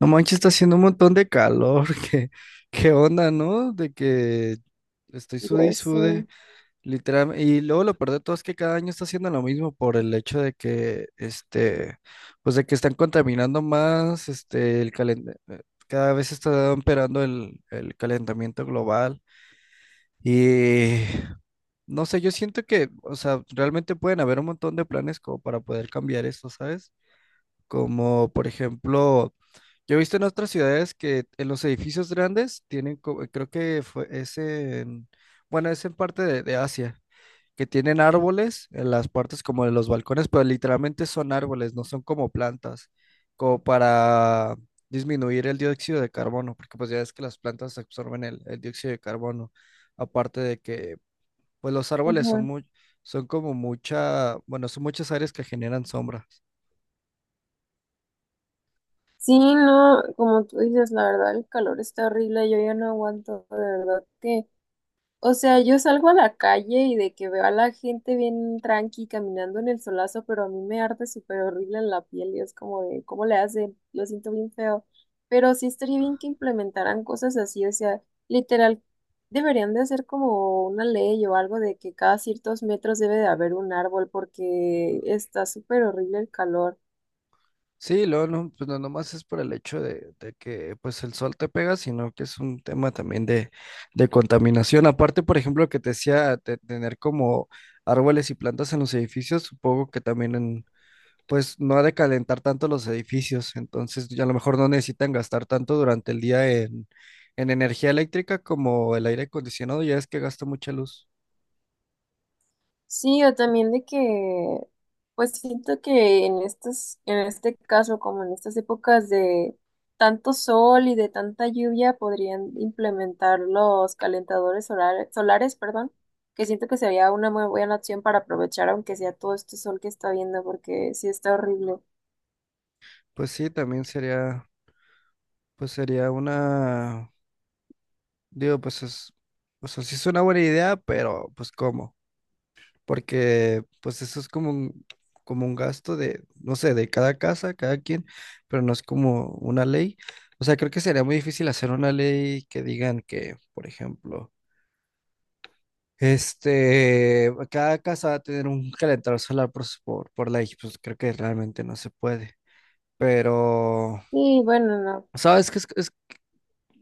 No manches, está haciendo un montón de calor. ¿Qué onda, no? De que estoy Ya sude y sé. sude, literal. Y luego lo peor de todo es que cada año está haciendo lo mismo por el hecho de que, pues de que están contaminando más, cada vez está empeorando el calentamiento global. Y no sé, yo siento que, o sea, realmente pueden haber un montón de planes como para poder cambiar esto, ¿sabes? Como, por ejemplo. Yo he visto en otras ciudades que en los edificios grandes tienen, creo que fue, bueno, es en parte de Asia, que tienen árboles en las partes como de los balcones, pero literalmente son árboles, no son como plantas, como para disminuir el dióxido de carbono, porque pues ya es que las plantas absorben el dióxido de carbono, aparte de que pues los árboles son Ajá. muy, son como mucha, bueno, son muchas áreas que generan sombra. Sí, no, como tú dices, la verdad, el calor está horrible, yo ya no aguanto, de verdad que, o sea, yo salgo a la calle y de que veo a la gente bien tranqui caminando en el solazo, pero a mí me arde súper horrible en la piel y es como de, ¿cómo le hacen? Lo siento bien feo, pero sí estaría bien que implementaran cosas así, o sea, literal, deberían de hacer como una ley o algo de que cada ciertos metros debe de haber un árbol porque está súper horrible el calor. Sí, luego no, pues no nomás es por el hecho de que pues el sol te pega, sino que es un tema también de contaminación. Aparte, por ejemplo, que te decía de tener como árboles y plantas en los edificios, supongo que también pues no ha de calentar tanto los edificios, entonces ya a lo mejor no necesitan gastar tanto durante el día en energía eléctrica como el aire acondicionado, ya es que gasta mucha luz. Sí, o también de que, pues siento que en estas, en este caso, como en estas épocas de tanto sol y de tanta lluvia, podrían implementar los calentadores solares, solares, perdón, que siento que sería una muy buena opción para aprovechar, aunque sea todo este sol que está viendo, porque sí está horrible. Pues sí, también sería, pues sería una. Digo, pues es, o sea, sí es una buena idea, pero pues ¿cómo? Porque pues eso es como un gasto de, no sé, de cada casa, cada quien, pero no es como una ley. O sea, creo que sería muy difícil hacer una ley que digan que, por ejemplo, cada casa va a tener un calentador solar por ley, pues creo que realmente no se puede. Pero, Sí, bueno, no. ¿sabes qué?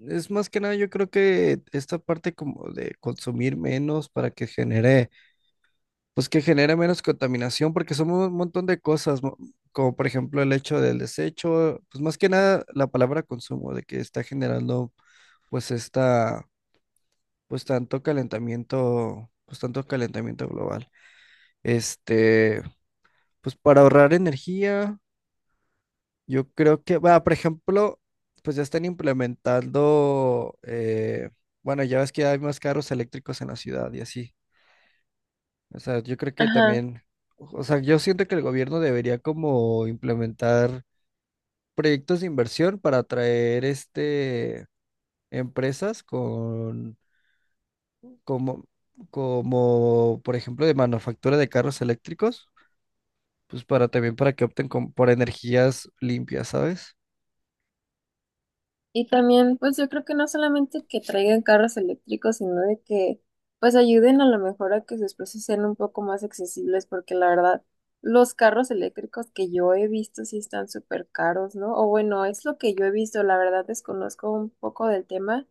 Es más que nada, yo creo que esta parte como de consumir menos para que genere. Pues que genere menos contaminación, porque son un montón de cosas, como por ejemplo el hecho del desecho, pues más que nada la palabra consumo, de que está generando pues esta, pues tanto calentamiento global. Este, pues para ahorrar energía, yo creo que, va, por ejemplo, pues ya están implementando, bueno, ya ves que hay más carros eléctricos en la ciudad y así. O sea, yo creo que Ajá. también, o sea, yo siento que el gobierno debería como implementar proyectos de inversión para atraer empresas con como como por ejemplo de manufactura de carros eléctricos, pues para también para que por energías limpias, ¿sabes? Y también, pues yo creo que no solamente que traigan carros eléctricos, sino de que pues ayuden a lo mejor a que sus precios sean un poco más accesibles, porque la verdad, los carros eléctricos que yo he visto sí están súper caros, ¿no? O bueno, es lo que yo he visto, la verdad desconozco un poco del tema,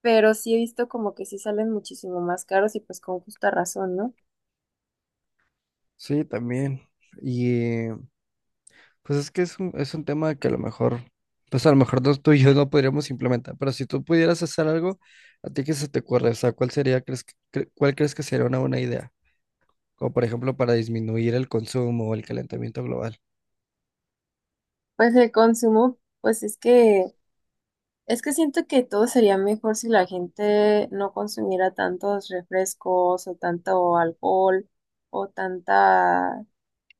pero sí he visto como que sí salen muchísimo más caros y pues con justa razón, ¿no? Sí, también. Y pues es que es un tema que a lo mejor, pues a lo mejor tú y yo no podríamos implementar, pero si tú pudieras hacer algo, ¿a ti qué se te ocurre? O sea, ¿cuál sería, crees, que- cre- ¿cuál crees que sería una buena idea? Como por ejemplo para disminuir el consumo o el calentamiento global. Pues el consumo, pues es que es que siento que todo sería mejor si la gente no consumiera tantos refrescos o tanto alcohol o tanta,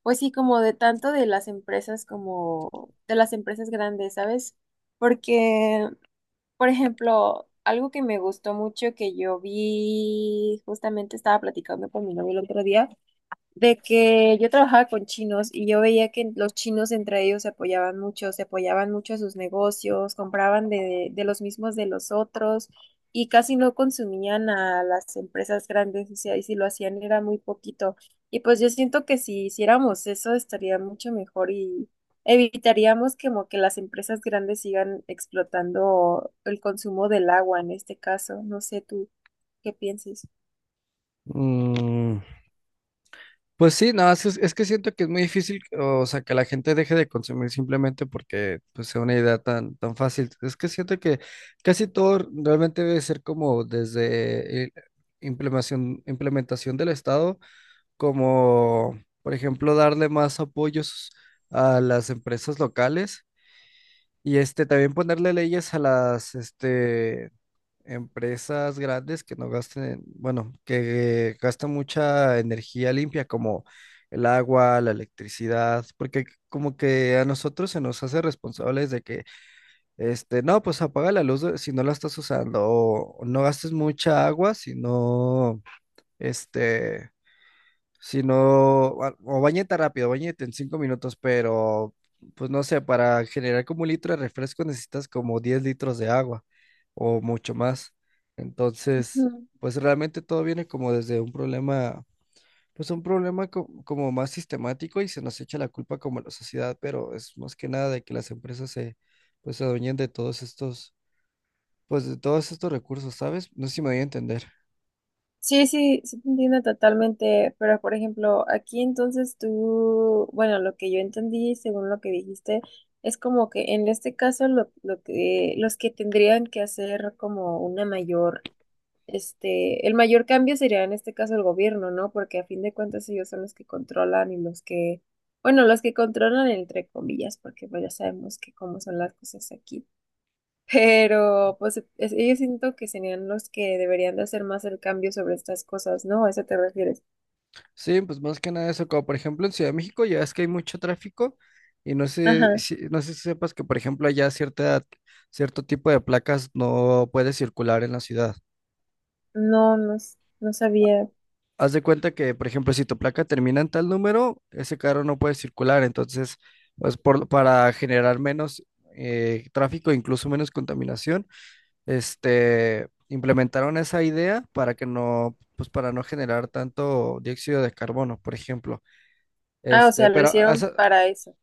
pues sí, como de tanto de las empresas como de las empresas grandes, ¿sabes? Porque, por ejemplo, algo que me gustó mucho que yo vi, justamente estaba platicando con mi novio el otro día de que yo trabajaba con chinos y yo veía que los chinos entre ellos se apoyaban mucho a sus negocios, compraban de los mismos de los otros y casi no consumían a las empresas grandes, o sea, y si lo hacían era muy poquito. Y pues yo siento que si hiciéramos eso estaría mucho mejor y evitaríamos como que las empresas grandes sigan explotando el consumo del agua en este caso. No sé tú qué pienses. Mm, pues sí, no, es que siento que es muy difícil, o sea, que la gente deje de consumir simplemente porque pues, sea una idea tan fácil. Es que siento que casi todo realmente debe ser como desde implementación del Estado como, por ejemplo, darle más apoyos a las empresas locales y este también ponerle leyes a las este empresas grandes que no bueno, que gastan mucha energía limpia como el agua, la electricidad, porque como que a nosotros se nos hace responsables de que no, pues apaga la luz si no la estás usando o no gastes mucha agua si no este si no, o bañeta rápido, bañete en 5 minutos, pero pues no sé, para generar como 1 litro de refresco necesitas como 10 litros de agua o mucho más. Entonces, Ujú. pues realmente todo viene como desde un problema, pues un problema como más sistemático y se nos echa la culpa como a la sociedad, pero es más que nada de que las pues se adueñen de todos estos, pues de todos estos recursos, ¿sabes? No sé si me voy a entender. Sí, sí, sí te entiendo totalmente, pero por ejemplo, aquí entonces tú, bueno, lo que yo entendí según lo que dijiste, es como que en este caso los que tendrían que hacer como una mayor, este, el mayor cambio sería en este caso el gobierno, ¿no? Porque a fin de cuentas ellos son los que controlan y los que, bueno, los que controlan entre comillas, porque pues ya sabemos que cómo son las cosas aquí. Pero pues ellos siento que serían los que deberían de hacer más el cambio sobre estas cosas, ¿no? ¿A eso te refieres? Sí, pues más que nada eso, como por ejemplo en Ciudad de México ya es que hay mucho tráfico y no sé Ajá. si, no sé si sepas que por ejemplo allá cierto tipo de placas no puede circular en la ciudad. No, no, no sabía. Haz de cuenta que por ejemplo si tu placa termina en tal número, ese carro no puede circular, entonces pues para generar menos tráfico, incluso menos contaminación, implementaron esa idea para que no, pues para no generar tanto dióxido de carbono, por ejemplo. Ah, o sea, lo Pero ¿has? hicieron para eso.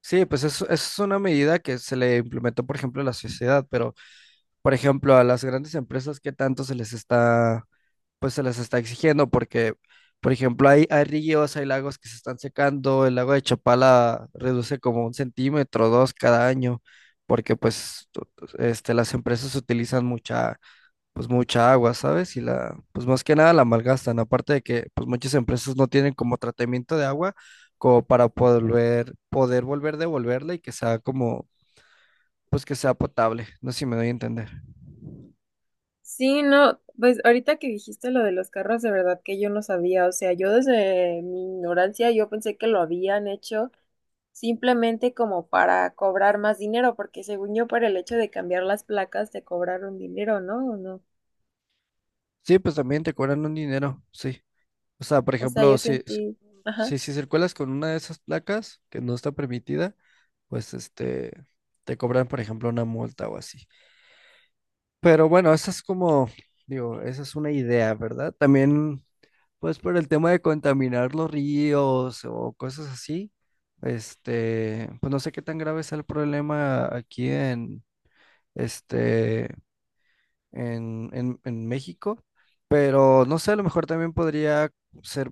Sí, pues es una medida que se le implementó, por ejemplo, a la sociedad, pero, por ejemplo, a las grandes empresas, ¿qué tanto se les está, pues se les está exigiendo? Porque, por ejemplo, hay ríos, hay lagos que se están secando, el lago de Chapala reduce como 1 centímetro, 2 cada año, porque pues las empresas utilizan mucha pues mucha agua, ¿sabes? Y la, pues más que nada la malgastan, aparte de que pues muchas empresas no tienen como tratamiento de agua como para poder volver devolverla y que sea como, pues que sea potable, no sé si me doy a entender. Sí, no, pues ahorita que dijiste lo de los carros, de verdad que yo no sabía. O sea, yo desde mi ignorancia yo pensé que lo habían hecho simplemente como para cobrar más dinero, porque según yo, por el hecho de cambiar las placas te cobraron dinero, ¿no? ¿O no? Sí, pues también te cobran un dinero, sí. O sea, por O sea, ejemplo, yo sentí, ajá. Si circulas con una de esas placas que no está permitida, pues te cobran, por ejemplo, una multa o así. Pero bueno, esa es como, digo, esa es una idea, ¿verdad? También, pues por el tema de contaminar los ríos o cosas así, pues no sé qué tan grave es el problema aquí en, este, en México, pero no sé, a lo mejor también podría ser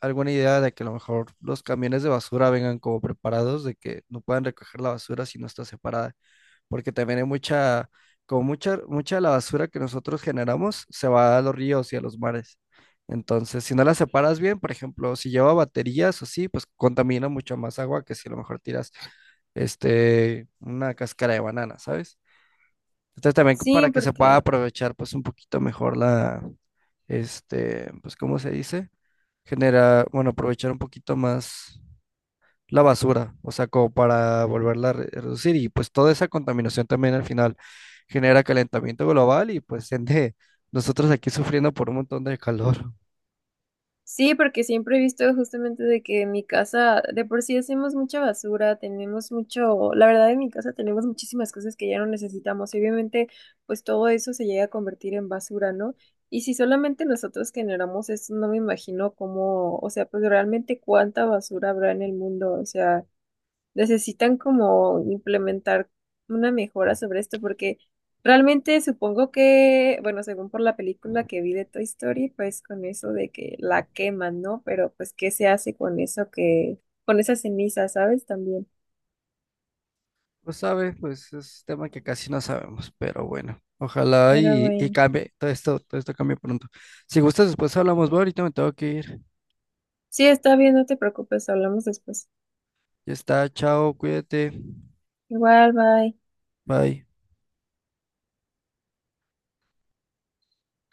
alguna idea de que a lo mejor los camiones de basura vengan como preparados, de que no puedan recoger la basura si no está separada porque también hay mucha de la basura que nosotros generamos se va a los ríos y a los mares. Entonces, si no la separas bien, por ejemplo, si lleva baterías o así, pues contamina mucho más agua que si a lo mejor tiras una cáscara de banana, ¿sabes? Entonces, también Sí, para que se pueda porque aprovechar pues un poquito mejor la, pues, ¿cómo se dice? Genera, bueno, aprovechar un poquito más la basura, o sea, como para volverla a reducir. Y pues toda esa contaminación también al final genera calentamiento global y pues ende nosotros aquí sufriendo por un montón de calor. Sí, porque siempre he visto justamente de que en mi casa de por sí hacemos mucha basura, tenemos mucho, la verdad en mi casa tenemos muchísimas cosas que ya no necesitamos y obviamente pues todo eso se llega a convertir en basura, ¿no? Y si solamente nosotros generamos eso, no me imagino cómo, o sea, pues realmente cuánta basura habrá en el mundo, o sea, necesitan como implementar una mejora sobre esto, porque realmente supongo que, bueno, según por la película que vi de Toy Story, pues con eso de que la queman, ¿no? Pero pues, ¿qué se hace con eso que, con esa ceniza, ¿sabes? También. Pues sabe, pues es tema que casi no sabemos, pero bueno, ojalá Pero y bueno. cambie, todo esto cambie pronto. Si gustas, después hablamos, bueno, ahorita me tengo que ir. Sí, está bien, no te preocupes, hablamos después. Ya está, chao, cuídate, Igual, bye. bye.